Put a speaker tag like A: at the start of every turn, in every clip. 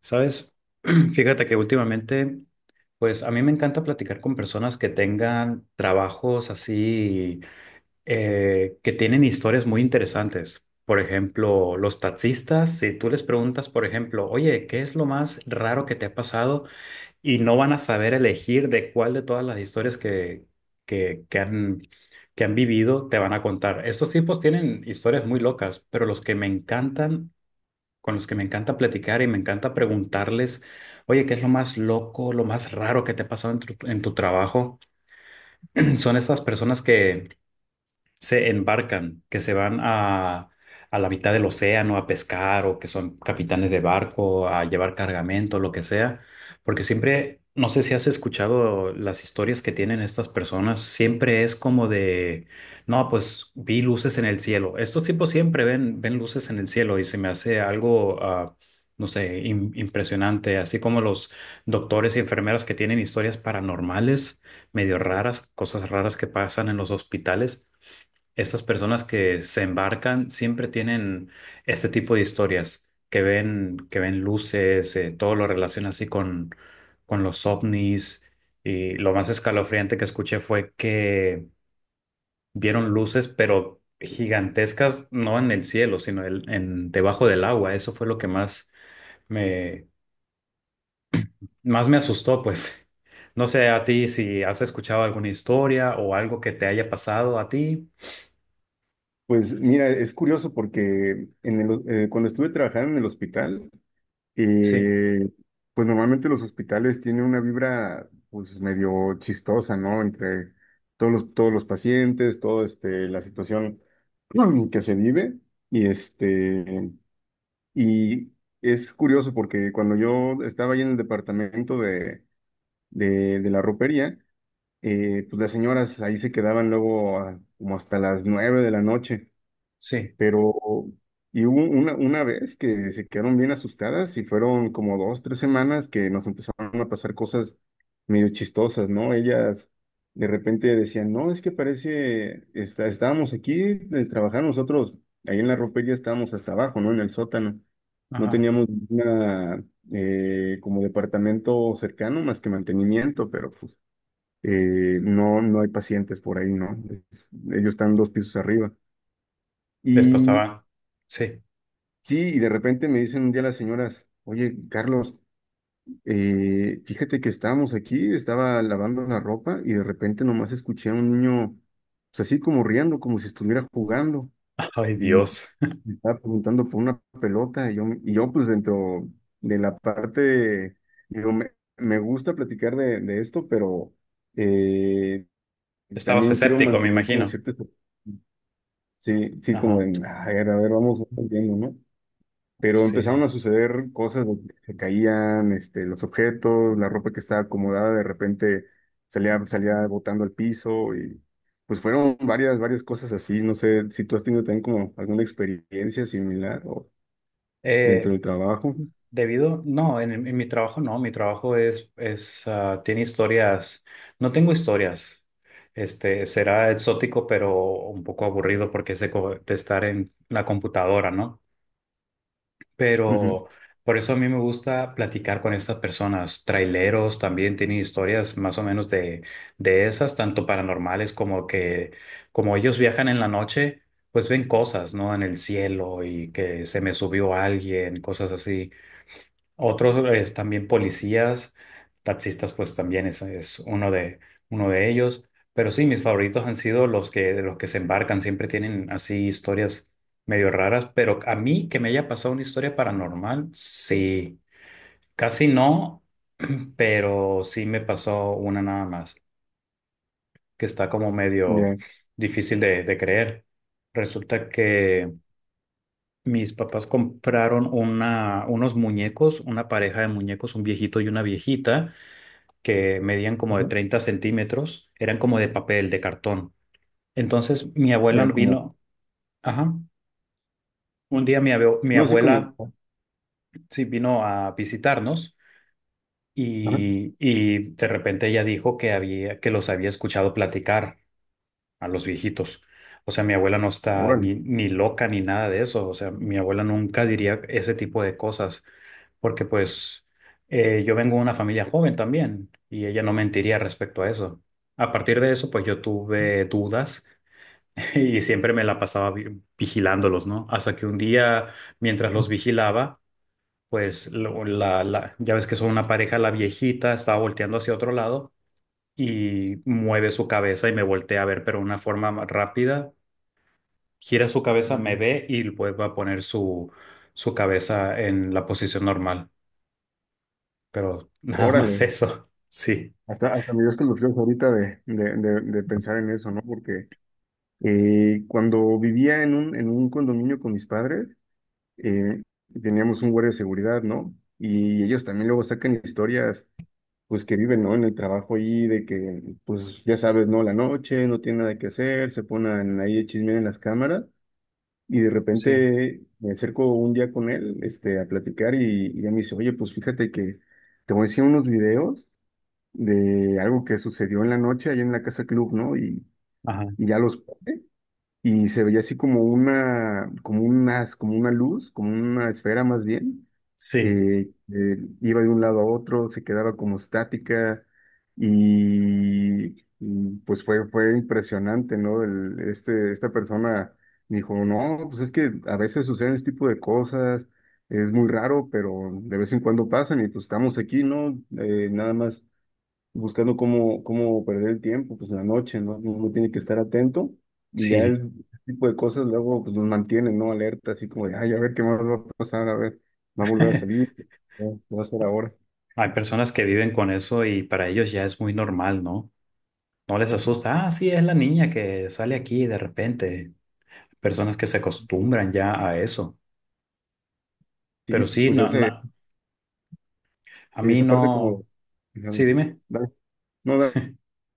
A: Sabes, fíjate que últimamente, pues a mí me encanta platicar con personas que tengan trabajos así, que tienen historias muy interesantes. Por ejemplo, los taxistas, si tú les preguntas, por ejemplo, oye, ¿qué es lo más raro que te ha pasado? Y no van a saber elegir de cuál de todas las historias que, que han, que han vivido te van a contar. Estos tipos tienen historias muy locas, pero los que me encantan con los que me encanta platicar y me encanta preguntarles, oye, ¿qué es lo más loco, lo más raro que te ha pasado en tu trabajo? Son esas personas que se embarcan, que se van a la mitad del océano a pescar o que son capitanes de barco, a llevar cargamento, lo que sea, porque siempre, no sé si has escuchado las historias que tienen estas personas, siempre es como de, no, pues vi luces en el cielo. Estos tipos siempre ven luces en el cielo y se me hace algo... No sé, impresionante, así como los doctores y enfermeras que tienen historias paranormales, medio raras, cosas raras que pasan en los hospitales. Estas personas que se embarcan siempre tienen este tipo de historias que ven luces, todo lo relaciona así con los ovnis. Y lo más escalofriante que escuché fue que vieron luces, pero gigantescas, no en el cielo, sino en debajo del agua. Eso fue lo que más me, más me asustó, pues. No sé a ti si has escuchado alguna historia o algo que te haya pasado a ti.
B: Pues mira, es curioso porque cuando estuve trabajando en el hospital,
A: Sí,
B: eh, pues normalmente los hospitales tienen una vibra pues medio chistosa, ¿no? Entre todos los pacientes, toda la situación que se vive. Y, este, y es curioso porque cuando yo estaba ahí en el departamento de la ropería, pues las señoras ahí se quedaban luego como hasta las 9 de la noche,
A: sí.
B: pero y hubo una vez que se quedaron bien asustadas y fueron como 2, 3 semanas que nos empezaron a pasar cosas medio chistosas, ¿no? Ellas de repente decían, no, es que parece, estábamos aquí trabajando nosotros, ahí en la ropería estábamos hasta abajo, ¿no? En el sótano. No
A: Ajá.
B: teníamos una, como departamento cercano más que mantenimiento, pero pues no, no hay pacientes por ahí, ¿no? Ellos están 2 pisos arriba.
A: Les
B: Y
A: pasaba. Sí.
B: Sí, y de repente me dicen un día las señoras, oye, Carlos, fíjate que estábamos aquí, estaba lavando la ropa y de repente nomás escuché a un niño, pues así como riendo, como si estuviera jugando
A: Ay,
B: y
A: Dios.
B: me estaba preguntando por una pelota yo pues dentro de la parte, digo, me gusta platicar de esto, pero eh,
A: Estabas
B: también quiero
A: escéptico, me
B: mantener como
A: imagino.
B: cierto, sí, sí, como
A: Ajá.
B: de, a ver, vamos entendiendo, ¿no? Pero empezaron
A: Sí.
B: a suceder cosas donde se caían, los objetos, la ropa que estaba acomodada de repente salía botando al piso y pues fueron varias, varias cosas así. No sé si tú has tenido también como alguna experiencia similar o dentro
A: Eh,
B: del trabajo.
A: debido, no, en mi trabajo no. Mi trabajo es, tiene historias. No tengo historias. Este, será exótico, pero un poco aburrido porque es de, de estar en la computadora, ¿no?
B: Ujú.
A: Pero por eso a mí me gusta platicar con estas personas. Traileros también tienen historias más o menos de esas, tanto paranormales como que, como ellos viajan en la noche, pues ven cosas, ¿no? En el cielo y que se me subió alguien, cosas así. Otros es también policías, taxistas, pues también es uno de ellos. Pero sí, mis favoritos han sido los que se embarcan, siempre tienen así historias medio raras. Pero a mí que me haya pasado una historia paranormal, sí, casi no, pero sí me pasó una nada más, que está como medio
B: Ya.
A: difícil de creer. Resulta que mis papás compraron unos muñecos, una pareja de muñecos, un viejito y una viejita que medían como de
B: Ajá.
A: 30 cm, eran como de papel, de cartón. Entonces mi abuela
B: Ya
A: no
B: como,
A: vino, ajá, un día mi
B: no. Sí como,
A: abuela sí vino a visitarnos
B: ajá.
A: y de repente ella dijo que había, que los había escuchado platicar a los viejitos. O sea, mi abuela no está
B: Órale.
A: ni, ni loca ni nada de eso. O sea, mi abuela nunca diría ese tipo de cosas porque pues yo vengo de una familia joven también y ella no mentiría respecto a eso. A partir de eso, pues yo tuve dudas y siempre me la pasaba vigilándolos, ¿no? Hasta que un día, mientras los vigilaba, pues ya ves que son una pareja, la viejita estaba volteando hacia otro lado y mueve su cabeza y me voltea a ver, pero de una forma rápida gira su cabeza, me
B: Ujú.
A: ve y vuelve a poner su cabeza en la posición normal. Pero nada más
B: Órale.
A: eso. Sí,
B: Hasta me dio escalofríos ahorita de pensar en eso, ¿no? Porque cuando vivía en un condominio con mis padres, eh, teníamos un guardia de seguridad, ¿no? Y ellos también luego sacan historias, pues que viven, ¿no? En el trabajo ahí, de que, pues ya sabes, ¿no? La noche, no tiene nada que hacer, se ponen ahí a chismear en las cámaras. Y de
A: sí.
B: repente me acerco un día con él, a platicar y ya me dice, oye, pues fíjate que te voy a enseñar unos videos de algo que sucedió en la noche allá en la casa club, ¿no? Y,
A: Ajá,
B: y ya los pone, y se veía así como una, como unas, como una luz, como una esfera más bien,
A: sí,
B: iba de un lado a otro, se quedaba como estática pues fue impresionante, ¿no? Esta persona me dijo, no, pues es que a veces suceden este tipo de cosas, es muy raro, pero de vez en cuando pasan y pues estamos aquí, ¿no? Nada más buscando cómo perder el tiempo, pues en la noche, ¿no? Uno tiene que estar atento y ya
A: sí.
B: ese tipo de cosas luego pues nos mantienen, ¿no? Alerta, así como de, ay, a ver qué más va a pasar, a ver, va a volver a salir, ¿no? ¿Qué va a hacer ahora?
A: Hay personas que viven con eso y para ellos ya es muy normal, ¿no? No les asusta. Ah, sí, es la niña que sale aquí de repente. Personas que se acostumbran ya a eso.
B: Sí,
A: Pero sí,
B: pues
A: no,
B: ese,
A: no, a
B: sí,
A: mí
B: esa parte como,
A: no. Sí,
B: dale,
A: dime.
B: dale. No, dale,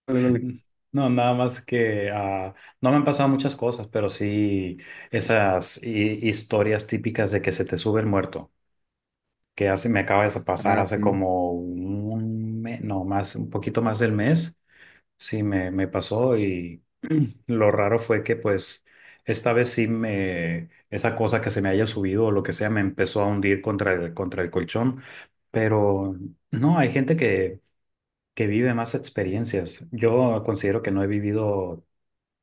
B: dale.
A: No, nada más que no me han pasado muchas cosas, pero sí esas historias típicas de que se te sube el muerto, que hace, me acaba de pasar
B: Ah,
A: hace
B: sí.
A: como un mes, no, más, un poquito más del mes, sí me pasó y lo raro fue que pues esta vez sí esa cosa que se me haya subido o lo que sea me empezó a hundir contra contra el colchón, pero no, hay gente que vive más experiencias. Yo considero que no he vivido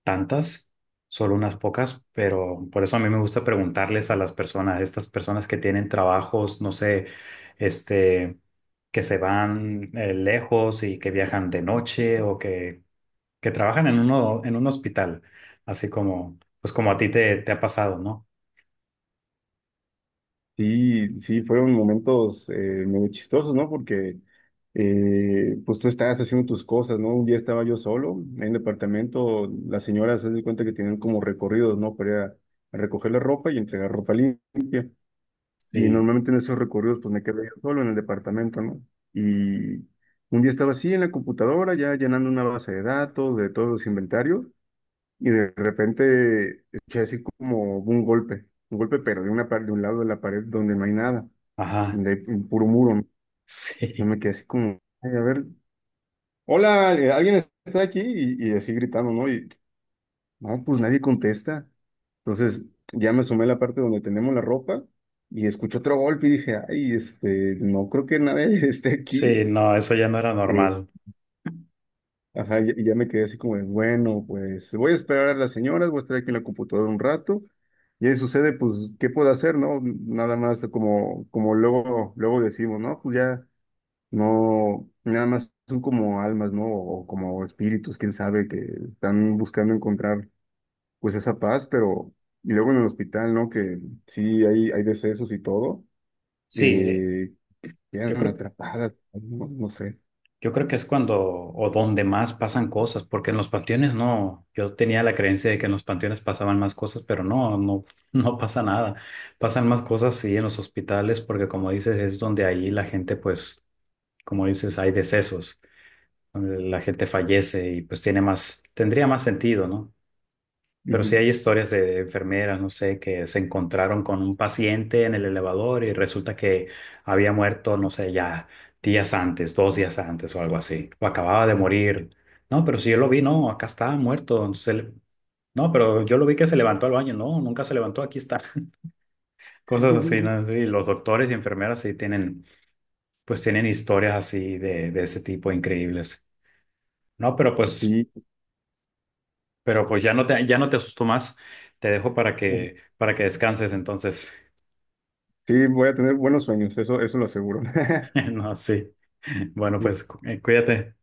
A: tantas, solo unas pocas, pero por eso a mí me gusta preguntarles a las personas, estas personas que tienen trabajos, no sé, este, que se van lejos y que viajan de noche o que trabajan en un hospital, así como, pues como a ti te ha pasado, ¿no?
B: Sí, sí, fueron momentos medio chistosos, ¿no? Porque pues tú estabas haciendo tus cosas, ¿no? Un día estaba yo solo en el departamento, las señoras se dan cuenta que tienen como recorridos, ¿no? Para ir a recoger la ropa y entregar ropa limpia. Y
A: Sí,
B: normalmente en esos recorridos pues me quedé yo solo en el departamento, ¿no? Y un día estaba así en la computadora, ya llenando una base de datos de todos los inventarios, y de repente escuché así como un golpe pero de un lado de la pared donde no hay nada. Y
A: ajá,
B: de ahí, un puro muro, ¿no? Yo
A: sí,
B: me quedé así como: "Ay, a ver, hola, alguien está aquí", y así gritando, ¿no? Y no, pues nadie contesta. Entonces ya me asomé a la parte donde tenemos la ropa y escuché otro golpe y dije, ay, no creo que nadie esté aquí.
A: sí, no, eso ya no era
B: Eh,
A: normal.
B: ajá, y ya me quedé así como, de, bueno, pues voy a esperar a las señoras, voy a estar aquí en la computadora un rato. Y ahí sucede, pues ¿qué puedo hacer, no? Nada más como, como luego, luego decimos, ¿no? Pues ya. No, nada más son como almas, ¿no? O como espíritus, quién sabe, que están buscando encontrar pues esa paz, pero y luego en el hospital, ¿no? Que sí hay decesos y todo,
A: Sí,
B: eh,
A: yo
B: quedan
A: creo,
B: atrapadas, no, no sé.
A: yo creo que es cuando o donde más pasan cosas, porque en los panteones no, yo tenía la creencia de que en los panteones pasaban más cosas, pero no, no, no pasa nada. Pasan más cosas sí en los hospitales, porque como dices, es donde ahí la gente, pues, como dices, hay decesos, donde la gente fallece y pues tiene más, tendría más sentido, ¿no? Pero sí
B: Ujú.
A: hay historias de enfermeras, no sé, que se encontraron con un paciente en el elevador y resulta que había muerto, no sé, ya días antes, 2 días antes o algo así, o acababa de morir. No, pero si yo lo vi, no, acá está muerto. No, pero yo lo vi que se levantó al baño, no, nunca se levantó, aquí está. Cosas así, ¿no? Sí, los doctores y enfermeras sí tienen, pues tienen historias así de ese tipo increíbles. No,
B: Sí,
A: pero pues ya no ya no te asusto más. Te dejo para que descanses entonces.
B: sí, voy a tener buenos sueños, eso lo aseguro.
A: No, sí. Bueno, pues cuídate.